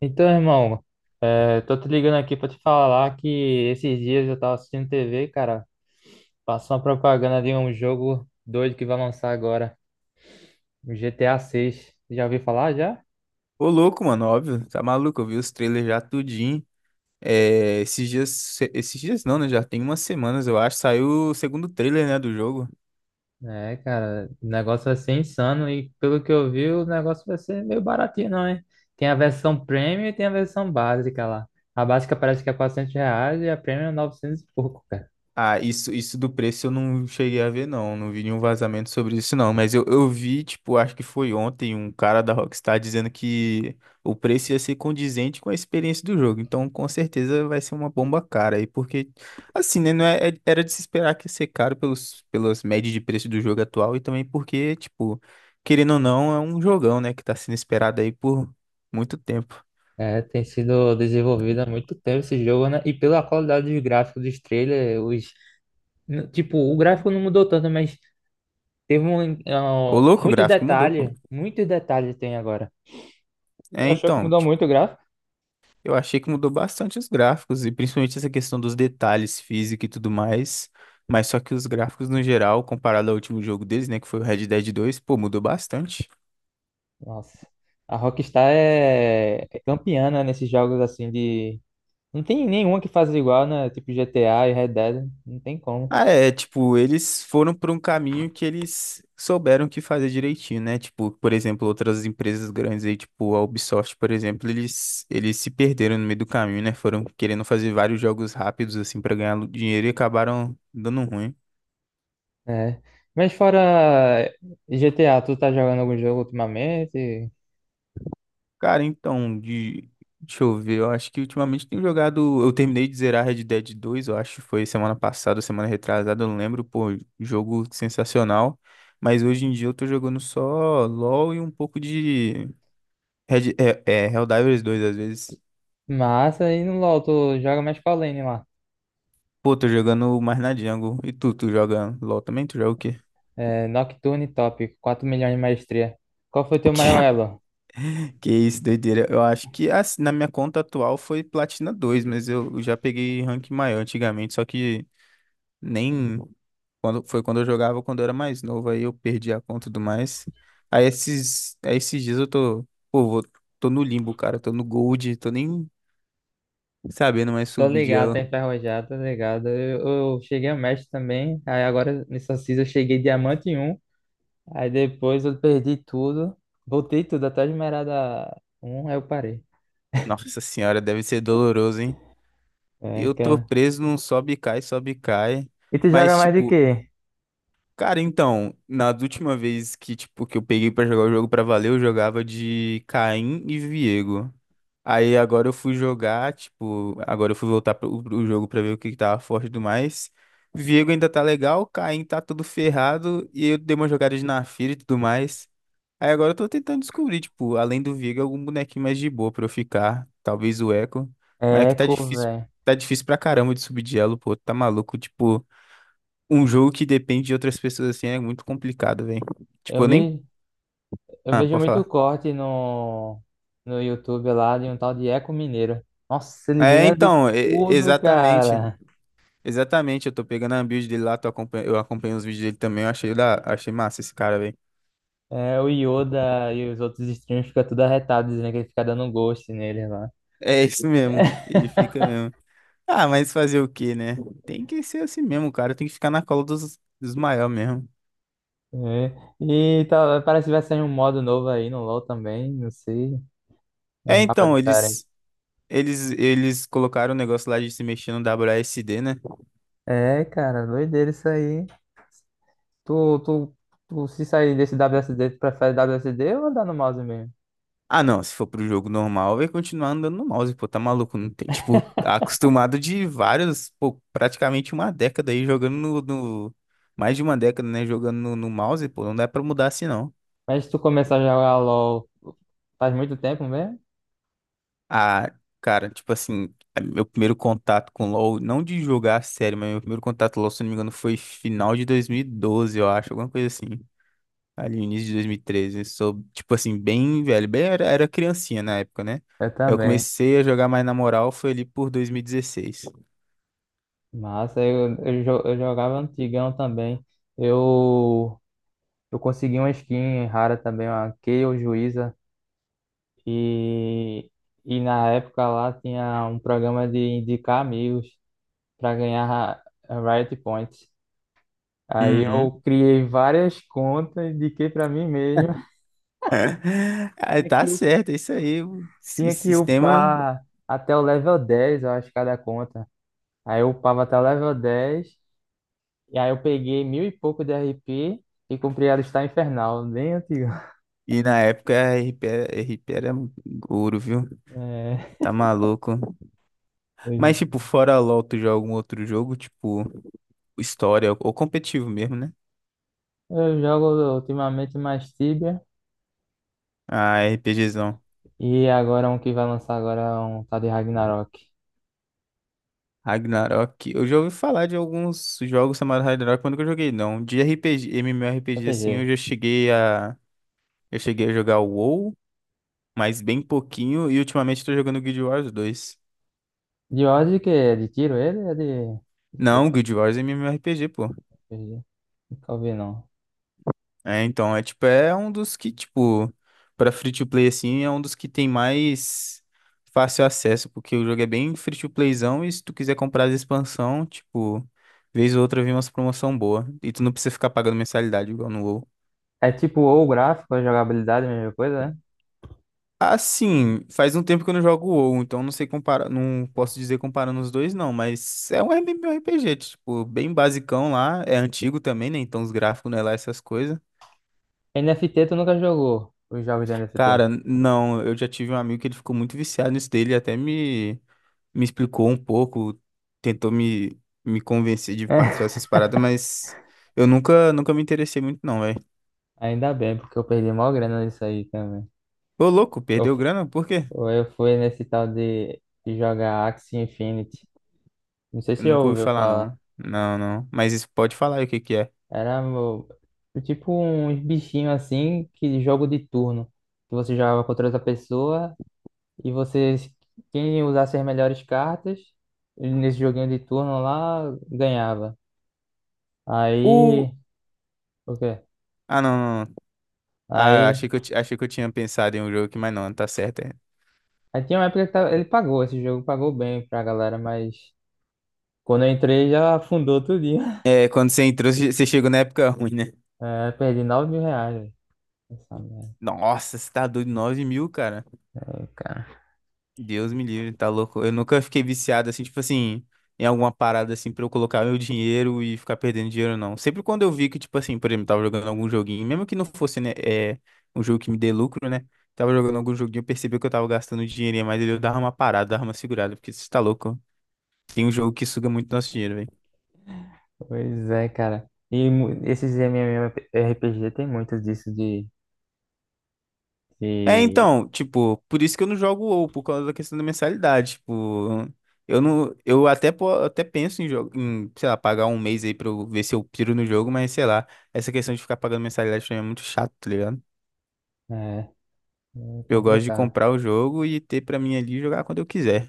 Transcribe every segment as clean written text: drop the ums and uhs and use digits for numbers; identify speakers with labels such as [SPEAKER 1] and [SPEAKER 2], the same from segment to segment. [SPEAKER 1] Então, irmão, tô te ligando aqui pra te falar que esses dias eu tava assistindo TV, cara, passou uma propaganda de um jogo doido que vai lançar agora, o GTA 6. Já ouviu falar já?
[SPEAKER 2] Ô, louco, mano, óbvio, tá maluco, eu vi os trailers já tudinho. É, esses dias não, né? Já tem umas semanas, eu acho, saiu o segundo trailer, né, do jogo.
[SPEAKER 1] É, cara, o negócio vai ser insano e pelo que eu vi, o negócio vai ser meio baratinho, não, hein? Tem a versão premium e tem a versão básica lá. A básica parece que é R$ 400 e a premium é 900 e pouco, cara.
[SPEAKER 2] Ah, isso do preço eu não cheguei a ver, não. Não vi nenhum vazamento sobre isso, não. Mas eu vi, tipo, acho que foi ontem, um cara da Rockstar dizendo que o preço ia ser condizente com a experiência do jogo. Então, com certeza, vai ser uma bomba cara aí, porque, assim, né? Não é, era de se esperar que ia ser caro pelas médias de preço do jogo atual e também porque, tipo, querendo ou não, é um jogão, né? Que tá sendo esperado aí por muito tempo.
[SPEAKER 1] É, tem sido desenvolvido há muito tempo esse jogo, né? E pela qualidade dos gráficos dos trailers, tipo, o gráfico não mudou tanto, mas teve
[SPEAKER 2] Ô, louco, o
[SPEAKER 1] muitos
[SPEAKER 2] gráfico mudou, pô.
[SPEAKER 1] detalhes. Muitos detalhes tem agora. Tu
[SPEAKER 2] É,
[SPEAKER 1] achou que
[SPEAKER 2] então.
[SPEAKER 1] mudou muito o gráfico?
[SPEAKER 2] Eu achei que mudou bastante os gráficos, e principalmente essa questão dos detalhes física e tudo mais. Mas só que os gráficos, no geral, comparado ao último jogo deles, né, que foi o Red Dead 2, pô, mudou bastante.
[SPEAKER 1] Nossa. A Rockstar é campeã, né, nesses jogos assim de. Não tem nenhuma que faz igual, né? Tipo GTA e Red Dead. Não tem como.
[SPEAKER 2] Ah, é, tipo, eles foram por um caminho que eles souberam que fazer direitinho, né? Tipo, por exemplo, outras empresas grandes aí, tipo a Ubisoft, por exemplo, eles se perderam no meio do caminho, né? Foram querendo fazer vários jogos rápidos, assim, pra ganhar dinheiro e acabaram dando ruim.
[SPEAKER 1] É. Mas fora GTA, tu tá jogando algum jogo ultimamente?
[SPEAKER 2] Cara, então, deixa eu ver, eu acho que ultimamente tenho jogado. Eu terminei de zerar Red Dead 2, eu acho que foi semana passada, semana retrasada, eu não lembro, pô, jogo sensacional. Mas hoje em dia eu tô jogando só LoL e um pouco de Red... é, Helldivers 2 às vezes.
[SPEAKER 1] Massa, e no LoL, tu joga mais qual lane lá?
[SPEAKER 2] Pô, tô jogando mais na Jungle. E tu joga LoL também? Tu joga o quê?
[SPEAKER 1] É, Nocturne Top, 4 milhões de maestria. Qual foi teu maior
[SPEAKER 2] Que
[SPEAKER 1] elo?
[SPEAKER 2] que isso, doideira. Eu acho que assim, na minha conta atual foi Platina dois, mas eu já peguei rank maior antigamente, só que nem. Foi quando eu jogava, quando eu era mais novo, aí eu perdi a conta e tudo mais. Aí esses dias eu tô, pô, tô no limbo, cara, tô no gold, tô nem sabendo mais
[SPEAKER 1] Tô
[SPEAKER 2] subir de
[SPEAKER 1] ligado, tá
[SPEAKER 2] elo.
[SPEAKER 1] enferrujado, tô ligado. Eu cheguei a mestre também, aí agora nessa season eu cheguei diamante em um, aí depois eu perdi tudo, voltei tudo até esmeralda um, aí eu parei.
[SPEAKER 2] Nossa senhora, deve ser doloroso, hein?
[SPEAKER 1] É,
[SPEAKER 2] Eu tô
[SPEAKER 1] cara.
[SPEAKER 2] preso num sobe e cai, sobe e cai.
[SPEAKER 1] E tu joga
[SPEAKER 2] Mas,
[SPEAKER 1] mais de
[SPEAKER 2] tipo,
[SPEAKER 1] quê?
[SPEAKER 2] cara, então, na última vez que, tipo, que eu peguei pra jogar o jogo pra valer, eu jogava de Caim e Viego. Aí agora eu fui jogar, tipo, agora eu fui voltar pro jogo pra ver o que que tava forte e tudo mais. Viego ainda tá legal, Caim tá tudo ferrado e eu dei umas jogadas na fira e tudo mais. Aí agora eu tô tentando descobrir, tipo, além do Viego, algum bonequinho mais de boa pra eu ficar. Talvez o Echo. Mas é que
[SPEAKER 1] Eco, velho.
[SPEAKER 2] tá difícil pra caramba de subir de elo, pô, tá maluco. Tipo, um jogo que depende de outras pessoas assim é muito complicado, velho.
[SPEAKER 1] Eu
[SPEAKER 2] Tipo, eu nem.
[SPEAKER 1] vi, eu
[SPEAKER 2] Ah,
[SPEAKER 1] vejo
[SPEAKER 2] pode
[SPEAKER 1] muito
[SPEAKER 2] falar.
[SPEAKER 1] corte no YouTube lá de um tal de Eco Mineiro. Nossa, ele
[SPEAKER 2] É,
[SPEAKER 1] ganha de
[SPEAKER 2] então,
[SPEAKER 1] tudo,
[SPEAKER 2] exatamente.
[SPEAKER 1] cara.
[SPEAKER 2] Exatamente, eu tô pegando a build dele lá, eu acompanho os vídeos dele também, eu achei, achei massa esse cara, velho.
[SPEAKER 1] É, o Yoda e os outros streamers ficam tudo arretados, dizendo que ele fica dando ghost nele lá.
[SPEAKER 2] É isso mesmo, ele fica mesmo. Ah, mas fazer o quê, né? Tem que ser assim mesmo, cara, tem que ficar na cola dos maiores mesmo.
[SPEAKER 1] É. E tá, parece que vai sair um modo novo aí no LoL também, não sei, uns
[SPEAKER 2] É,
[SPEAKER 1] mapas
[SPEAKER 2] então,
[SPEAKER 1] diferentes.
[SPEAKER 2] eles colocaram o negócio lá de se mexer no WASD, né?
[SPEAKER 1] É, cara, doideira isso aí. Tu, tu, tu se sair desse WSD, tu prefere WSD ou andar no mouse mesmo?
[SPEAKER 2] Ah, não, se for pro jogo normal, vai continuar andando no mouse, pô, tá maluco, não tem, tipo, tá acostumado de vários, pô, praticamente uma década aí jogando mais de uma década, né, jogando no mouse, pô, não dá pra mudar assim, não.
[SPEAKER 1] Mas se tu começar a jogar LoL faz muito tempo mesmo?
[SPEAKER 2] Ah, cara, tipo assim, é meu primeiro contato com LoL, não de jogar a série, mas meu primeiro contato com LoL, se não me engano, foi final de 2012, eu acho, alguma coisa assim. Ali no início de 2013. Sou, tipo assim, bem velho, bem era, era criancinha na época, né?
[SPEAKER 1] Eu
[SPEAKER 2] Eu
[SPEAKER 1] também.
[SPEAKER 2] comecei a jogar mais na moral, foi ali por 2016.
[SPEAKER 1] Massa, eu jogava antigão também. Eu, eu consegui uma skin rara também, uma Kayle Juíza. E, e na época lá tinha um programa de indicar amigos para ganhar a Riot Points. Aí
[SPEAKER 2] Uhum.
[SPEAKER 1] eu criei várias contas, indiquei para mim mesmo.
[SPEAKER 2] Aí
[SPEAKER 1] Tinha
[SPEAKER 2] tá
[SPEAKER 1] que, u-
[SPEAKER 2] certo, é isso aí, o si-
[SPEAKER 1] tinha que
[SPEAKER 2] sistema.
[SPEAKER 1] upar até o level 10, eu acho, cada conta. Aí eu upava até o level 10 e aí eu peguei mil e pouco de RP e comprei a listar infernal, bem antiga.
[SPEAKER 2] E na época a RP, RP era ouro, viu?
[SPEAKER 1] É,
[SPEAKER 2] Tá maluco.
[SPEAKER 1] eu
[SPEAKER 2] Mas, tipo, fora LOL, tu joga algum outro jogo, tipo, história ou competitivo mesmo, né?
[SPEAKER 1] eu jogo ultimamente mais Tibia,
[SPEAKER 2] Ah, RPGzão.
[SPEAKER 1] e agora um que vai lançar agora é um tal de Ragnarok.
[SPEAKER 2] Ragnarok. Eu já ouvi falar de alguns jogos chamados Ragnarok, mas nunca joguei, não. De RPG, MMORPG, assim, eu
[SPEAKER 1] RPG.
[SPEAKER 2] já cheguei a... Eu cheguei a jogar o WoW, mas bem pouquinho, e ultimamente tô jogando Guild Wars 2.
[SPEAKER 1] De ordem que é de tiro ele? De quê?
[SPEAKER 2] Não, Guild Wars é MMORPG, pô.
[SPEAKER 1] RPG? Nunca ouvi não.
[SPEAKER 2] É, então, é tipo, é um dos que, tipo, pra free to play assim, é um dos que tem mais fácil acesso, porque o jogo é bem free to playzão e se tu quiser comprar as expansão, tipo, vez ou outra vem umas promoção boa e tu não precisa ficar pagando mensalidade igual no WoW.
[SPEAKER 1] É tipo ou o gráfico, a jogabilidade, a mesma coisa, né?
[SPEAKER 2] Assim, faz um tempo que eu não jogo WoW, então não sei comparar, não posso
[SPEAKER 1] Então,
[SPEAKER 2] dizer comparando os dois não, mas é um MMORPG, tipo, bem basicão lá, é antigo também, né? Então os gráficos não é lá essas coisas.
[SPEAKER 1] NFT tu nunca jogou os jogos de NFT?
[SPEAKER 2] Cara, não, eu já tive um amigo que ele ficou muito viciado nisso dele, até me explicou um pouco, tentou me convencer de participar dessas
[SPEAKER 1] É.
[SPEAKER 2] paradas, mas eu nunca, nunca me interessei muito não, velho.
[SPEAKER 1] Ainda bem, porque eu perdi mó grana nisso aí também.
[SPEAKER 2] Ô, louco,
[SPEAKER 1] Eu,
[SPEAKER 2] perdeu
[SPEAKER 1] fu-
[SPEAKER 2] grana? Por quê?
[SPEAKER 1] eu fui nesse tal de jogar Axie Infinity. Não sei se
[SPEAKER 2] Eu
[SPEAKER 1] você já
[SPEAKER 2] nunca ouvi
[SPEAKER 1] ouviu
[SPEAKER 2] falar
[SPEAKER 1] falar.
[SPEAKER 2] não. Não, não. Mas isso pode falar aí o que que é.
[SPEAKER 1] Era meu- tipo uns bichinhos assim, que jogo de turno. Que você jogava contra outra pessoa e você, quem usasse as melhores cartas, nesse joguinho de turno lá, ganhava.
[SPEAKER 2] O...
[SPEAKER 1] Aí, o quê?
[SPEAKER 2] Ah, não, não, não. Ah,
[SPEAKER 1] Aí,
[SPEAKER 2] achei que achei que eu tinha pensado em um jogo aqui, mas não, tá certo, é.
[SPEAKER 1] aí tinha uma época que ele pagou, esse jogo pagou bem pra galera, mas quando eu entrei já afundou tudinho.
[SPEAKER 2] É, quando você entrou, você chegou na época ruim, né?
[SPEAKER 1] É, perdi 9 mil reais, velho. Essa merda,
[SPEAKER 2] Nossa, você tá doido, 9 mil, cara.
[SPEAKER 1] aí, cara.
[SPEAKER 2] Deus me livre, tá louco. Eu nunca fiquei viciado assim, tipo assim, em alguma parada assim pra eu colocar meu dinheiro e ficar perdendo dinheiro, não. Sempre quando eu vi que, tipo assim, por exemplo, tava jogando algum joguinho, mesmo que não fosse, né, é, um jogo que me dê lucro, né? Tava jogando algum joguinho, eu percebi que eu tava gastando dinheirinho, mas eu dava uma parada, dava uma segurada, porque você tá louco. Tem um jogo que suga muito nosso dinheiro, velho.
[SPEAKER 1] Pois é, cara. Esses MMORPG tem muitos disso
[SPEAKER 2] É,
[SPEAKER 1] de...
[SPEAKER 2] então, tipo, por isso que eu não jogo WoW, por causa da questão da mensalidade, tipo, eu não, eu até, até penso em, jogo, em, sei lá, pagar um mês aí pra eu ver se eu piro no jogo, mas sei lá, essa questão de ficar pagando mensalidade pra mim é muito chato, tá ligado?
[SPEAKER 1] É, é
[SPEAKER 2] Eu gosto de
[SPEAKER 1] complicado.
[SPEAKER 2] comprar o jogo e ter pra mim ali e jogar quando eu quiser.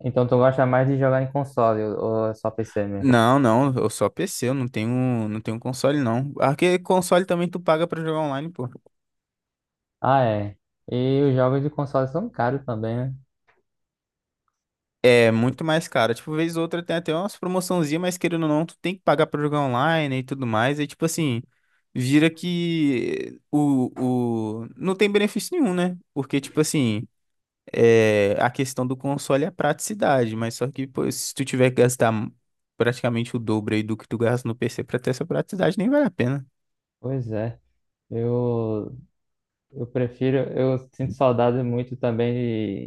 [SPEAKER 1] Então tu gosta mais de jogar em console ou é só PC mesmo?
[SPEAKER 2] Não, não, eu só PC, eu não tenho, console não. Ah, que console também tu paga pra jogar online, pô.
[SPEAKER 1] Ah, é. E os jogos de console são caros também, né?
[SPEAKER 2] É muito mais caro. Tipo, vez ou outra tem até umas promoçãozinhas, mas querendo ou não, tu tem que pagar pra jogar online e tudo mais. E tipo assim, vira que não tem benefício nenhum, né? Porque, tipo assim, a questão do console é a praticidade, mas só que pô, se tu tiver que gastar praticamente o dobro aí do que tu gasta no PC pra ter essa praticidade, nem vale a pena.
[SPEAKER 1] Pois é. Eu Eu prefiro, eu sinto saudade muito também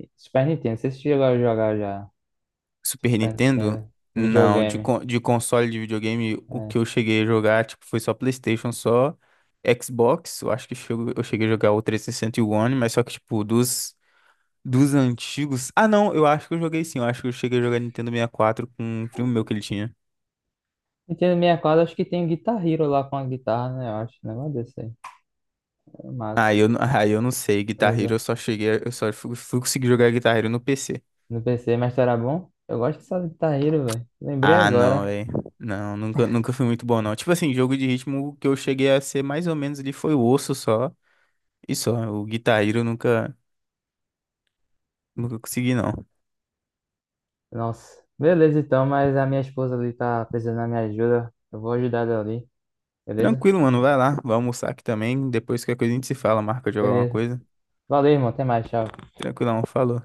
[SPEAKER 1] de Super Nintendo. Vocês chegou a jogar já
[SPEAKER 2] Super
[SPEAKER 1] Super
[SPEAKER 2] Nintendo?
[SPEAKER 1] Nintendo,
[SPEAKER 2] Não,
[SPEAKER 1] videogame.
[SPEAKER 2] de console de videogame, o
[SPEAKER 1] É.
[SPEAKER 2] que eu cheguei a jogar, tipo, foi só PlayStation, só Xbox. Eu acho que eu cheguei a jogar o 360 e sessenta e o One, mas só que, tipo, dos antigos. Ah, não, eu acho que eu joguei sim. Eu acho que eu cheguei a jogar Nintendo 64 com um primo meu que ele tinha.
[SPEAKER 1] Nintendo 64, acho que tem Guitar Hero lá com a guitarra, né? Eu acho, um negócio desse aí. É
[SPEAKER 2] Ah,
[SPEAKER 1] massa.
[SPEAKER 2] Ah, eu não sei. Guitar Hero, eu
[SPEAKER 1] Beleza.
[SPEAKER 2] só cheguei. Eu só fui conseguir jogar Guitar Hero no PC.
[SPEAKER 1] No PC, mas era bom? Eu gosto dessa Guitar Hero, velho. Lembrei
[SPEAKER 2] Ah, não,
[SPEAKER 1] agora.
[SPEAKER 2] velho. Não, nunca, nunca fui muito bom, não. Tipo assim, jogo de ritmo, o que eu cheguei a ser mais ou menos ali foi o osso só. E só, o Guitar Hero eu nunca, nunca consegui, não.
[SPEAKER 1] Nossa. Beleza, então, mas a minha esposa ali tá precisando da minha ajuda. Eu vou ajudar ela ali, beleza?
[SPEAKER 2] Tranquilo, mano, vai lá, vai almoçar aqui também. Depois qualquer coisa a gente se fala, marca jogar uma
[SPEAKER 1] Beleza.
[SPEAKER 2] coisa.
[SPEAKER 1] Valeu, irmão. Até mais, tchau.
[SPEAKER 2] Tranquilão, falou.